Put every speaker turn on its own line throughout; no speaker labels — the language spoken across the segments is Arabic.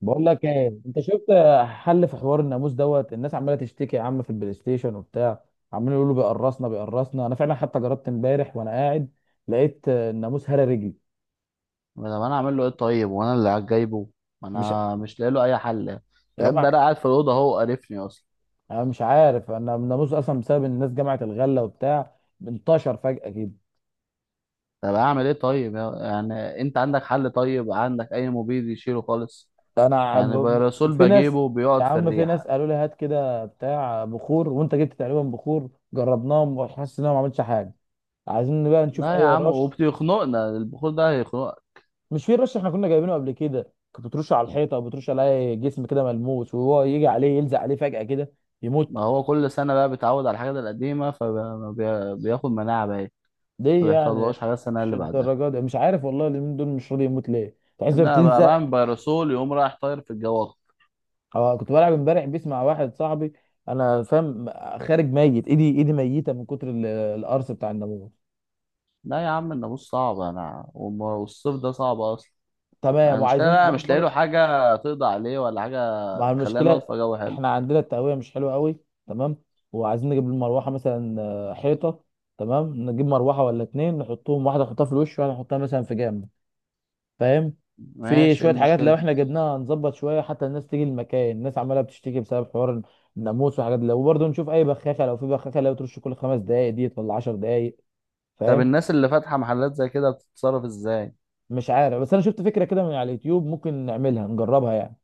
بقول لك ايه؟ انت شفت حل في حوار الناموس دوت؟ الناس عماله تشتكي يا عم في البلاي ستيشن وبتاع، عمالين يقولوا بيقرصنا بيقرصنا. انا فعلا حتى جربت امبارح وانا قاعد، لقيت الناموس هرى رجلي.
ما طب انا اعمل له ايه طيب، وانا اللي قاعد جايبه. ما
مش
انا مش لاقي له اي حل
يا
غير ده. انا
بقى.
قاعد في الاوضه هو قرفني اصلا.
انا مش عارف، انا الناموس اصلا بسبب إن الناس جمعت الغله وبتاع، انتشر فجاه كده.
طب اعمل ايه طيب يعني انت عندك حل؟ طيب عندك اي مبيد يشيله خالص؟ يعني بيرسول
في ناس،
بجيبه
يا
بيقعد في
عم في ناس
الريحه.
قالوا لي هات كده بتاع بخور، وانت جبت تقريبا بخور، جربناهم وحاسس ان انا ما عملتش حاجه. عايزين بقى نشوف
لا يا
اي
عم
رش.
وبيخنقنا، البخور ده هيخنقك.
مش في رش احنا كنا جايبينه قبل كده؟ كنت بترش على الحيطه او بترش على جسم كده ملموس، وهو يجي عليه يلزق عليه فجاه كده،
ما
يموت.
هو كل سنه بقى بيتعود على الحاجات القديمه فبياخد مناعه بقى. ما
ليه يعني؟
بيحصلهوش حاجه السنه
مش
اللي بعدها.
الدرجه دي، مش عارف والله، اليومين دول مش راضي يموت، ليه تحس
ان انا بقى
بتلزق.
بعمل بيرسول يقوم رايح طاير في الجو.
أو كنت بلعب امبارح بيس مع واحد صاحبي. انا فاهم. خارج ميت، ايدي ايدي ميته من كتر القرص بتاع الناموس.
لا يا عم الناموس صعب. انا والصيف ده صعب اصلا. يعني
تمام،
المشكلة
وعايزين
بقى مش لاقي له
نظبط
حاجة تقضي عليه ولا حاجة
مع
تخلينا نقعد
المشكله.
في جو حلو.
احنا عندنا التهويه مش حلوه قوي. تمام. وعايزين نجيب المروحه مثلا، حيطه. تمام، نجيب مروحه ولا اتنين، نحطهم واحده نحطها في الوش، وواحده نحطها مثلا في جنب. فاهم؟ في
ماشي، إيه
شويه حاجات لو
المشكلة؟
احنا جبناها نظبط شويه، حتى الناس تيجي المكان، الناس عماله بتشتكي بسبب حوار الناموس والحاجات دي. وبرضه نشوف اي بخاخه، لو في بخاخه لو ترش كل خمس دقائق دي ولا 10 دقائق.
طب
فاهم؟
الناس اللي فاتحة محلات زي كده بتتصرف ازاي؟
مش عارف، بس انا شفت فكره كده من على اليوتيوب، ممكن نعملها نجربها يعني.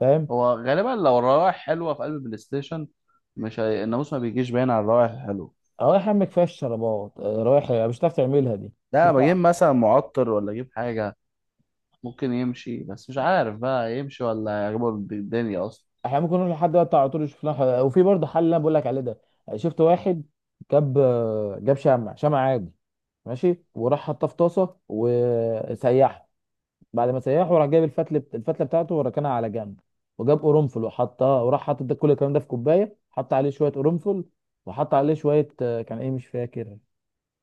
فاهم؟
هو غالبا لو الروائح حلوة في قلب البلاي ستيشن. مش هي... الناموس ما بيجيش باين على الروائح الحلوة.
اه يا عم كفايه الشرابات، رايح مش هتعرف تعملها دي.
ده انا بجيب مثلا معطر ولا اجيب حاجة ممكن يمشي، بس مش عارف بقى يمشي ولا يعجبه الدنيا اصلا.
احنا ممكن نروح لحد بقى بتاع على طول يشوف لنا حل. وفي برضه حل اللي انا بقول لك عليه ده. شفت واحد، جاب جاب شمع، شمع عادي، ماشي، وراح حطها في طاسه وسيحه. بعد ما سيحه راح جايب الفتله، الفتله بتاعته، وركنها على جنب. وجاب قرنفل وحطها، وراح حاطط ده كل الكلام ده في كوبايه، حط عليه شويه قرنفل، وحط عليه شويه، كان ايه مش فاكر،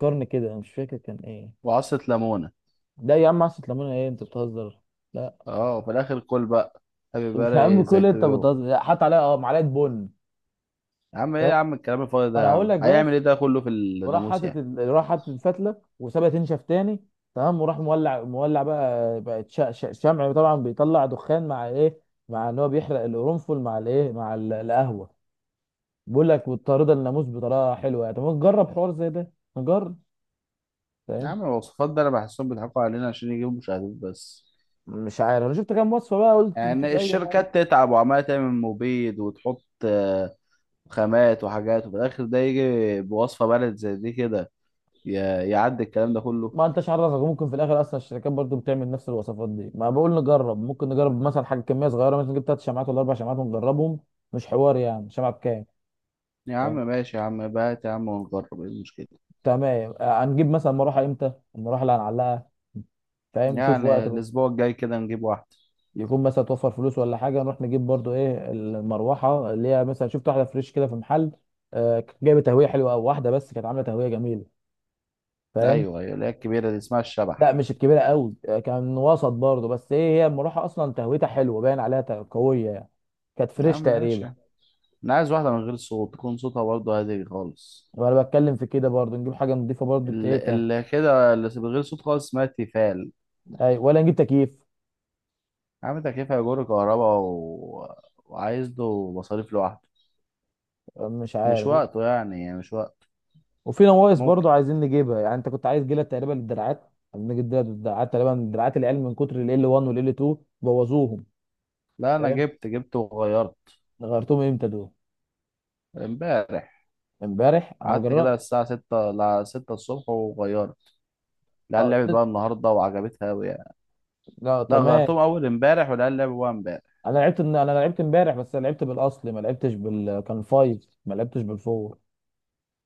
قرن كده، أنا مش فاكر كان ايه.
وعصة ليمونة؟
ده يا عم عصة ليمونه؟ ايه انت بتهزر؟ لا.
اه وفي الاخر كل بقى هابي
يا عم
باري زي
كل،
تو
انت بتهزر،
يو.
لا، حط عليها اه معلقه بن.
يا عم ايه يا عم الكلام الفاضي ده؟
انا
يا
هقول
عم
لك بس.
هيعمل ايه ده كله في
وراح
الناموس
حاطط
يعني؟
راح حاطط الفتله وسابها تنشف تاني. تمام، وراح مولع، مولع بقى، بقت شمع طبعا بيطلع دخان مع ايه، مع ان هو بيحرق القرنفل مع الايه، مع القهوه. بيقول لك مضطرده الناموس بطريقه حلوه يعني. طب ما نجرب حوار زي ده، نجرب.
يا
فاهم؟
عم الوصفات ده انا بحسهم بيضحكوا علينا عشان يجيبوا مشاهدات بس.
مش عارف، انا شفت كام وصفه بقى، قلت نشوف
يعني
اي حاجه.
الشركات تتعب وعمالة تعمل مبيد وتحط خامات وحاجات، وفي الآخر ده يجي بوصفة بلد زي دي كده يعدي الكلام ده كله.
ما انتش عرفك ممكن في الاخر اصلا الشركات برضو بتعمل نفس الوصفات دي، ما بقول نجرب، ممكن نجرب مثلا حاجه كميه صغيره، مثلا نجيب ثلاث شمعات ولا اربع شمعات ونجربهم. مش حوار يعني، شمعه بكام؟
يا عم ماشي يا عم بات يا عم، ونجرب ايه المشكلة.
تمام، هنجيب مثلا مروحه. امتى المروحه اللي هنعلقها؟ فاهم؟ شوف
يعني
وقت بقى،
الأسبوع الجاي كده نجيب واحدة.
يكون مثلا توفر فلوس ولا حاجه، نروح نجيب برضو. ايه المروحه اللي هي، مثلا شفت واحده فريش كده في محل، كانت جايبه تهويه حلوه قوي، واحده بس كانت عامله تهويه جميله. فاهم؟
أيوه أيوه، اللي هي الكبيرة دي اسمها
لا
الشبح.
مش الكبيره قوي، كان وسط برضو، بس ايه هي المروحه اصلا تهويتها حلوه باين عليها قويه يعني، كانت
يا
فريش
عم
تقريبا.
ماشي. أنا عايز واحدة من غير صوت، تكون صوتها برضه هادي خالص.
وانا بتكلم في كده برضو، نجيب حاجه نضيفه برضو،
اللي اللي كده اللي من غير صوت خالص اسمها تيفال.
أي- ولا نجيب تكييف؟
عامل تكييف هيجر كهرباء و... وعايز له مصاريف لوحده.
مش
مش
عارف.
وقته يعني مش وقت.
وفي نواقص
ممكن.
برضو عايزين نجيبها، يعني انت كنت عايز جلد تقريبا للدراعات، عايزين نجيب جلد للدراعات تقريبا، دراعات العيال من كتر ال L1 وال L2 بوظوهم.
لا انا
فاهم؟
جبت وغيرت
غيرتهم امتى دول؟
امبارح.
امبارح انا ما
قعدت كده
جربت.
للساعة 6 ل 6 الصبح وغيرت. العيال
اه ت-
لعبت بقى النهاردة وعجبتها أوي يعني.
لا
لا
تمام.
غيرتهم أول امبارح، والعيال لعبوا بقى امبارح.
انا لعبت، انا لعبت امبارح، بس أنا لعبت بالاصلي، ما لعبتش بال كان 5، ما لعبتش بالفور.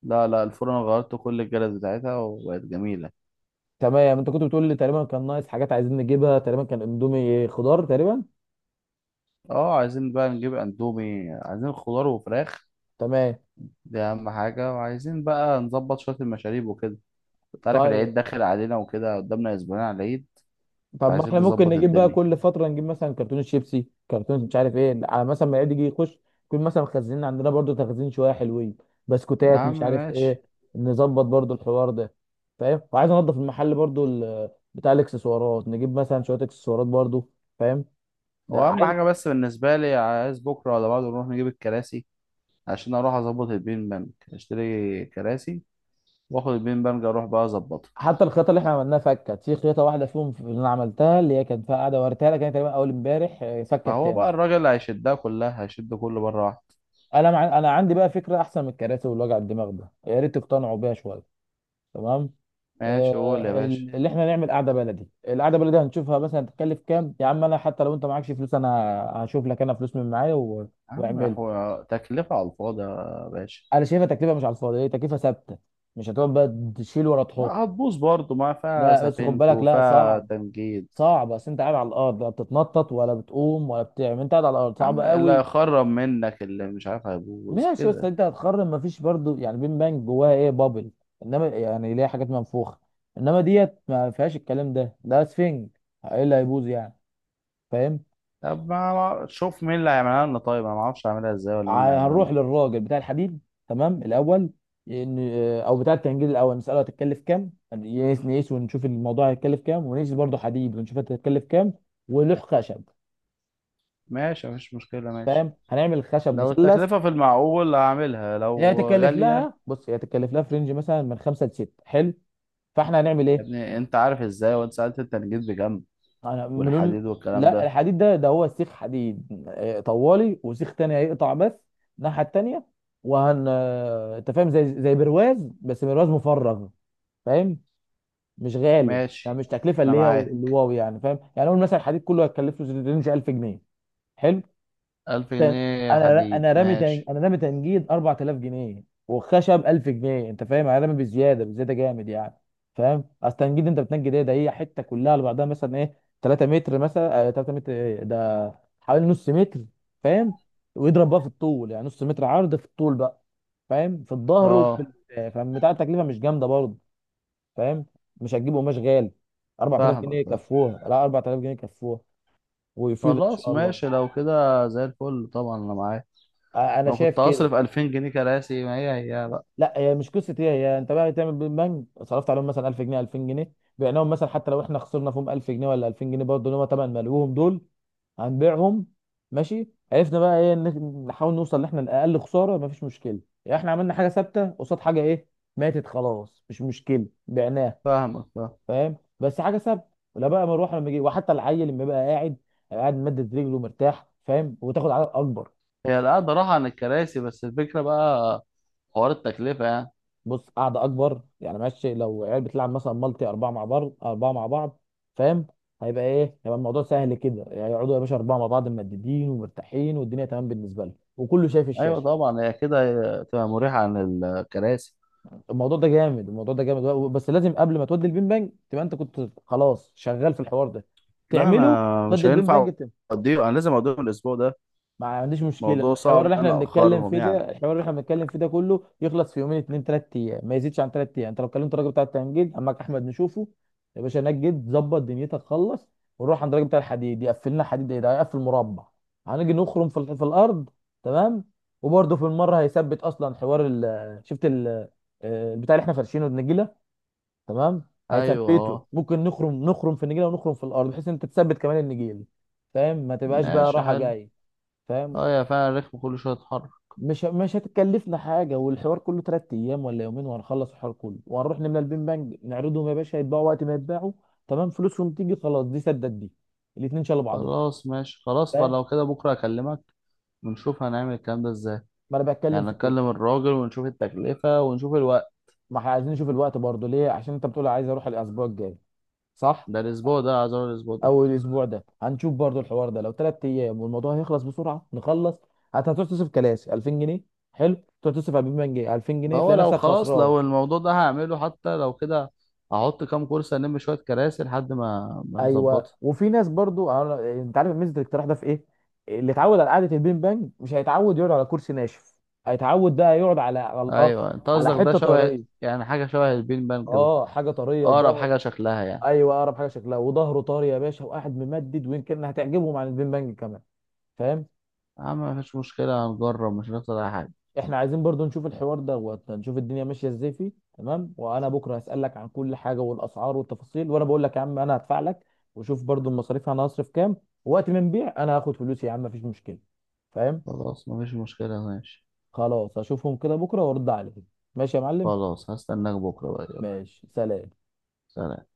لا لا، الفرن غيرت كل الجلد بتاعتها وبقت جميلة.
تمام. انت كنت بتقول لي تقريبا كان ناقص حاجات عايزين نجيبها، تقريبا كان اندومي خضار تقريبا.
اه عايزين بقى نجيب اندومي، عايزين خضار وفراخ.
تمام.
دي أهم حاجة. وعايزين بقى نظبط شوية المشاريب وكده. تعرف
طيب.
العيد داخل علينا وكده، قدامنا أسبوعين على العيد.
طب ما
عايزين
احنا ممكن
نظبط
نجيب بقى
الدنيا.
كل فتره، نجيب مثلا كرتون شيبسي، كرتون مش عارف ايه، على مثلا ما يعيد يجي يخش، يكون مثلا مخزنين عندنا برضو، تخزين شويه حلوين،
يا
بسكوتات
عم
مش عارف
ماشي.
ايه. نظبط برضو الحوار ده. فاهم؟ وعايز انضف المحل برضو بتاع الاكسسوارات، نجيب مثلا شويه اكسسوارات برضو. فاهم؟
هو
ده
اهم
عايز.
حاجه بس بالنسبه لي عايز بكره ولا بعده نروح نجيب الكراسي، عشان اروح اظبط البين بانج. اشتري كراسي واخد البين بانج اروح بقى اظبطها،
حتى الخيطه اللي احنا عملناها فكت، في خيطه واحده فيهم اللي انا عملتها، اللي هي كانت فيها قاعده وريتها لك، كانت تقريبا اول امبارح، فكت
فهو
تاني.
بقى الراجل اللي هيشدها كلها هيشد كله مره واحده.
انا عندي بقى فكره احسن من الكراسي والوجع الدماغ ده، يا ريت تقتنعوا بيها شويه. تمام،
ماشي قول يا باشا.
اللي احنا نعمل قعده بلدي. القعده بلدي هنشوفها مثلا هتكلف كام، يا عم انا حتى لو انت معكش فلوس، انا هشوف لك انا فلوس من معايا و...
يا عم
واعمل.
هو تكلفه على الفاضي يا باشا.
انا شايفها تكلفه مش على الفاضي، هي تكلفه ثابته، مش هتقعد بقى تشيل ولا تحط.
هتبوظ برضه، ما فيها
لا بس خد
سفنك
بالك، لا
وفيها
صعب،
تنجيد.
صعب، بس انت قاعد على الارض، لا بتتنطط ولا بتقوم ولا بتعمل، انت قاعد على الارض
يا
صعب
عم اللي
قوي.
هيخرب منك اللي مش عارف هيبوظ
ماشي، بس
كده.
انت هتخرم. مفيش برضو يعني، بين بانك جواها ايه؟ بابل. انما يعني ليها حاجات منفوخه، انما ديت ما فيهاش الكلام ده، ده سفنج، ايه اللي هيبوظ يعني؟ فاهم؟
طب ما أنا- شوف مين اللي هيعملها لنا طيب. انا ما اعرفش اعملها ازاي، ولا مين اللي هيعملها لنا.
هنروح للراجل بتاع الحديد، تمام الاول، ان او بتاع الكنجيل الاول، نساله هتتكلف كام، نقيس ونشوف الموضوع هيتكلف كام، ونقيس برضه حديد ونشوف هتتكلف كام، ولوح خشب.
ماشي مفيش مشكله ماشي.
فاهم؟ هنعمل خشب
لو
مثلث.
التكلفه في المعقول هعملها،
هي
لو
هتتكلف
غاليه
لها، بص هي هتتكلف لها في رينج مثلا من خمسه لسته، حلو. فاحنا هنعمل
يا
ايه؟
ابني انت عارف ازاي، وانت سالت انت جيت بكام؟
انا بنقول،
والحديد والكلام
لا
ده.
الحديد ده، ده هو سيخ حديد، طوالي، وسيخ تاني هيقطع بس الناحيه التانيه، وهن انت فاهم، زي برواز، بس برواز مفرغ. فاهم؟ مش غالي يعني،
ماشي،
مش تكلفه
انا
اللي هي اللي
معاك.
واو يعني، فاهم يعني، اقول مثلا الحديد كله هيكلف له رينج 1000 جنيه. حلو
ألف
تاني.
جنيه حديد ماشي.
انا رامي تنجيد 4000 جنيه، والخشب 1000 جنيه. انت فاهم، انا رامي بزياده، بزياده جامد يعني. فاهم؟ اصل تنجيد انت بتنجد ايه؟ ده هي حته كلها على بعضها مثلا، ايه 3 متر مثلا، آه 3 متر، ايه ده حوالي نص متر. فاهم؟ ويضرب بقى في الطول، يعني نص متر عرض في الطول بقى. فاهم؟ في الظهر وفي
اه،
فاهم بتاع، التكلفه مش جامده برضه. فاهم؟ مش هتجيب قماش غالي، 4000 جنيه
فاهمك فاهم.
يكفوها، لا 4000 جنيه يكفوها، ويفيد ان
خلاص
شاء الله.
ماشي لو كده زي الفل، طبعا انا معاك.
انا
ما
شايف
كنت
كده.
هصرف 2000 جنيه كراسي؟ ما هي هي بقى.
لا هي مش قصه ايه، هي انت بقى تعمل بالبنك، صرفت عليهم مثلا 1000 جنيه 2000 جنيه، بعناهم، مثلا حتى لو احنا خسرنا فيهم 1000 جنيه ولا 2000 جنيه، برضه اللي هم تمن ملوهم دول، هنبيعهم. ماشي، عرفنا بقى ايه نحاول نوصل ان احنا لاقل خساره. مفيش مشكله يعني، احنا عملنا حاجه ثابته قصاد حاجه، ايه ماتت خلاص، مش مشكله بعناها.
فاهمك فاهم.
فاهم؟ بس حاجه ثابته. لا بقى مروحه لما يجي، وحتى العيل لما يبقى قاعد، قاعد مدد رجله مرتاح. فاهم؟ وتاخد عدد اكبر.
هي القعدة راحة عن الكراسي، بس الفكرة بقى حوار التكلفة يعني.
بص، قاعده اكبر يعني، ماشي لو عيال بتلعب مثلا مالتي، اربعه مع بعض، اربعه مع بعض، فاهم، هيبقى ايه، هيبقى الموضوع سهل كده يعني، يقعدوا يا باشا اربعه مع بعض ممددين ومرتاحين، والدنيا تمام بالنسبه لهم، وكله شايف
ايوه
الشاشه.
طبعا هي كده، تبقى مريحه عن الكراسي.
الموضوع ده جامد، الموضوع ده جامد. بس لازم قبل ما تودي البين بانج، تبقى انت كنت خلاص شغال في الحوار ده،
لا
تعمله،
انا
تودي
مش
البين بانج.
هينفع اوديه، انا لازم اوديهم الاسبوع ده.
ما عنديش مشكله،
موضوع
الحوار
صعب ان
اللي احنا
انا
بنتكلم
اخرهم
فيه
يعني.
ده، الحوار اللي احنا بنتكلم فيه ده كله يخلص في يومين، اتنين تلات ايام، ما يزيدش عن تلات ايام. انت لو كلمت الراجل بتاع التمجيد عمك احمد نشوفه، يا باشا نجد ظبط دنيتك خلص، ونروح عند الراجل بتاع الحديد يقفل لنا حديد، ايه ده هيقفل مربع، هنيجي نخرم في في الارض. تمام، وبرده في المره هيثبت اصلا حوار ال، شفت ال، البتاع اللي احنا فرشينه، النجيله. تمام،
ايوه
هيثبته،
اه،
ممكن نخرم في النجيله، ونخرم في الارض، بحيث ان انت تثبت كمان النجيل. فاهم؟ ما تبقاش بقى
ماشي
راحه
حلو.
جايه. فاهم؟
اه يا فعلا الركب كل شويه اتحرك.
مش هتكلفنا حاجة، والحوار كله تلات أيام ولا يومين، وهنخلص الحوار كله، وهنروح نملى البين بانج نعرضهم، يا باشا يتباعوا وقت ما يتباعوا. تمام، فلوسهم تيجي خلاص، دي سدت دي، الاتنين شالوا بعضهم.
خلاص ماشي خلاص. طب
فاهم؟
لو كده بكره اكلمك ونشوف هنعمل الكلام ده ازاي.
ما أنا بتكلم
يعني
في كده.
نكلم الراجل ونشوف التكلفه ونشوف الوقت.
ما احنا عايزين نشوف الوقت برضه ليه، عشان أنت بتقول عايز أروح الأسبوع الجاي، صح؟
ده الاسبوع ده عايز أقول الاسبوع ده.
أو الأسبوع ده هنشوف برضه الحوار ده، لو تلات أيام والموضوع هيخلص بسرعة نخلص. هتروح تصرف كلاسي 2000 جنيه، حلو، تروح تصرف على البين بانج 2000
ما
جنيه
هو
تلاقي
لو
نفسك
خلاص
خسران.
لو الموضوع ده هعمله حتى لو كده، هحط كام كرسي، شويه كراسي لحد ما
ايوه،
نظبطها.
وفي ناس برضو انت عارف ميزه الاقتراح ده في ايه؟ اللي اتعود على قعده البين بانج مش هيتعود يقعد على كرسي ناشف، هيتعود بقى يقعد على الارض،
ايوه، انت
على
قصدك ده
حته
شبه
طريه.
يعني، حاجه شبه البين بانج
اه حاجه طريه
اقرب
وظهر.
حاجه شكلها يعني.
ايوه اقرب حاجه شكلها، وظهره طري يا باشا، وقاعد ممدد، ويمكن هتعجبهم عن البين بانج كمان. فاهم؟
يا عم مفيش مشكله، هنجرب مش هنخسر اي حاجه.
احنا عايزين برضو نشوف الحوار ده، ونشوف الدنيا ماشيه ازاي فيه. تمام، وانا بكره هسالك عن كل حاجه، والاسعار والتفاصيل، وانا بقول لك يا عم انا هدفع لك، وشوف برضو المصاريف انا هصرف كام، وقت ما نبيع انا هاخد فلوسي يا عم، مفيش مشكله. فاهم؟
خلاص مفيش مشكله ماشي.
خلاص، اشوفهم كده بكره، وارد عليك. ماشي يا معلم.
خلاص هستناك بكره بقى يلا.
ماشي، سلام.
سلام.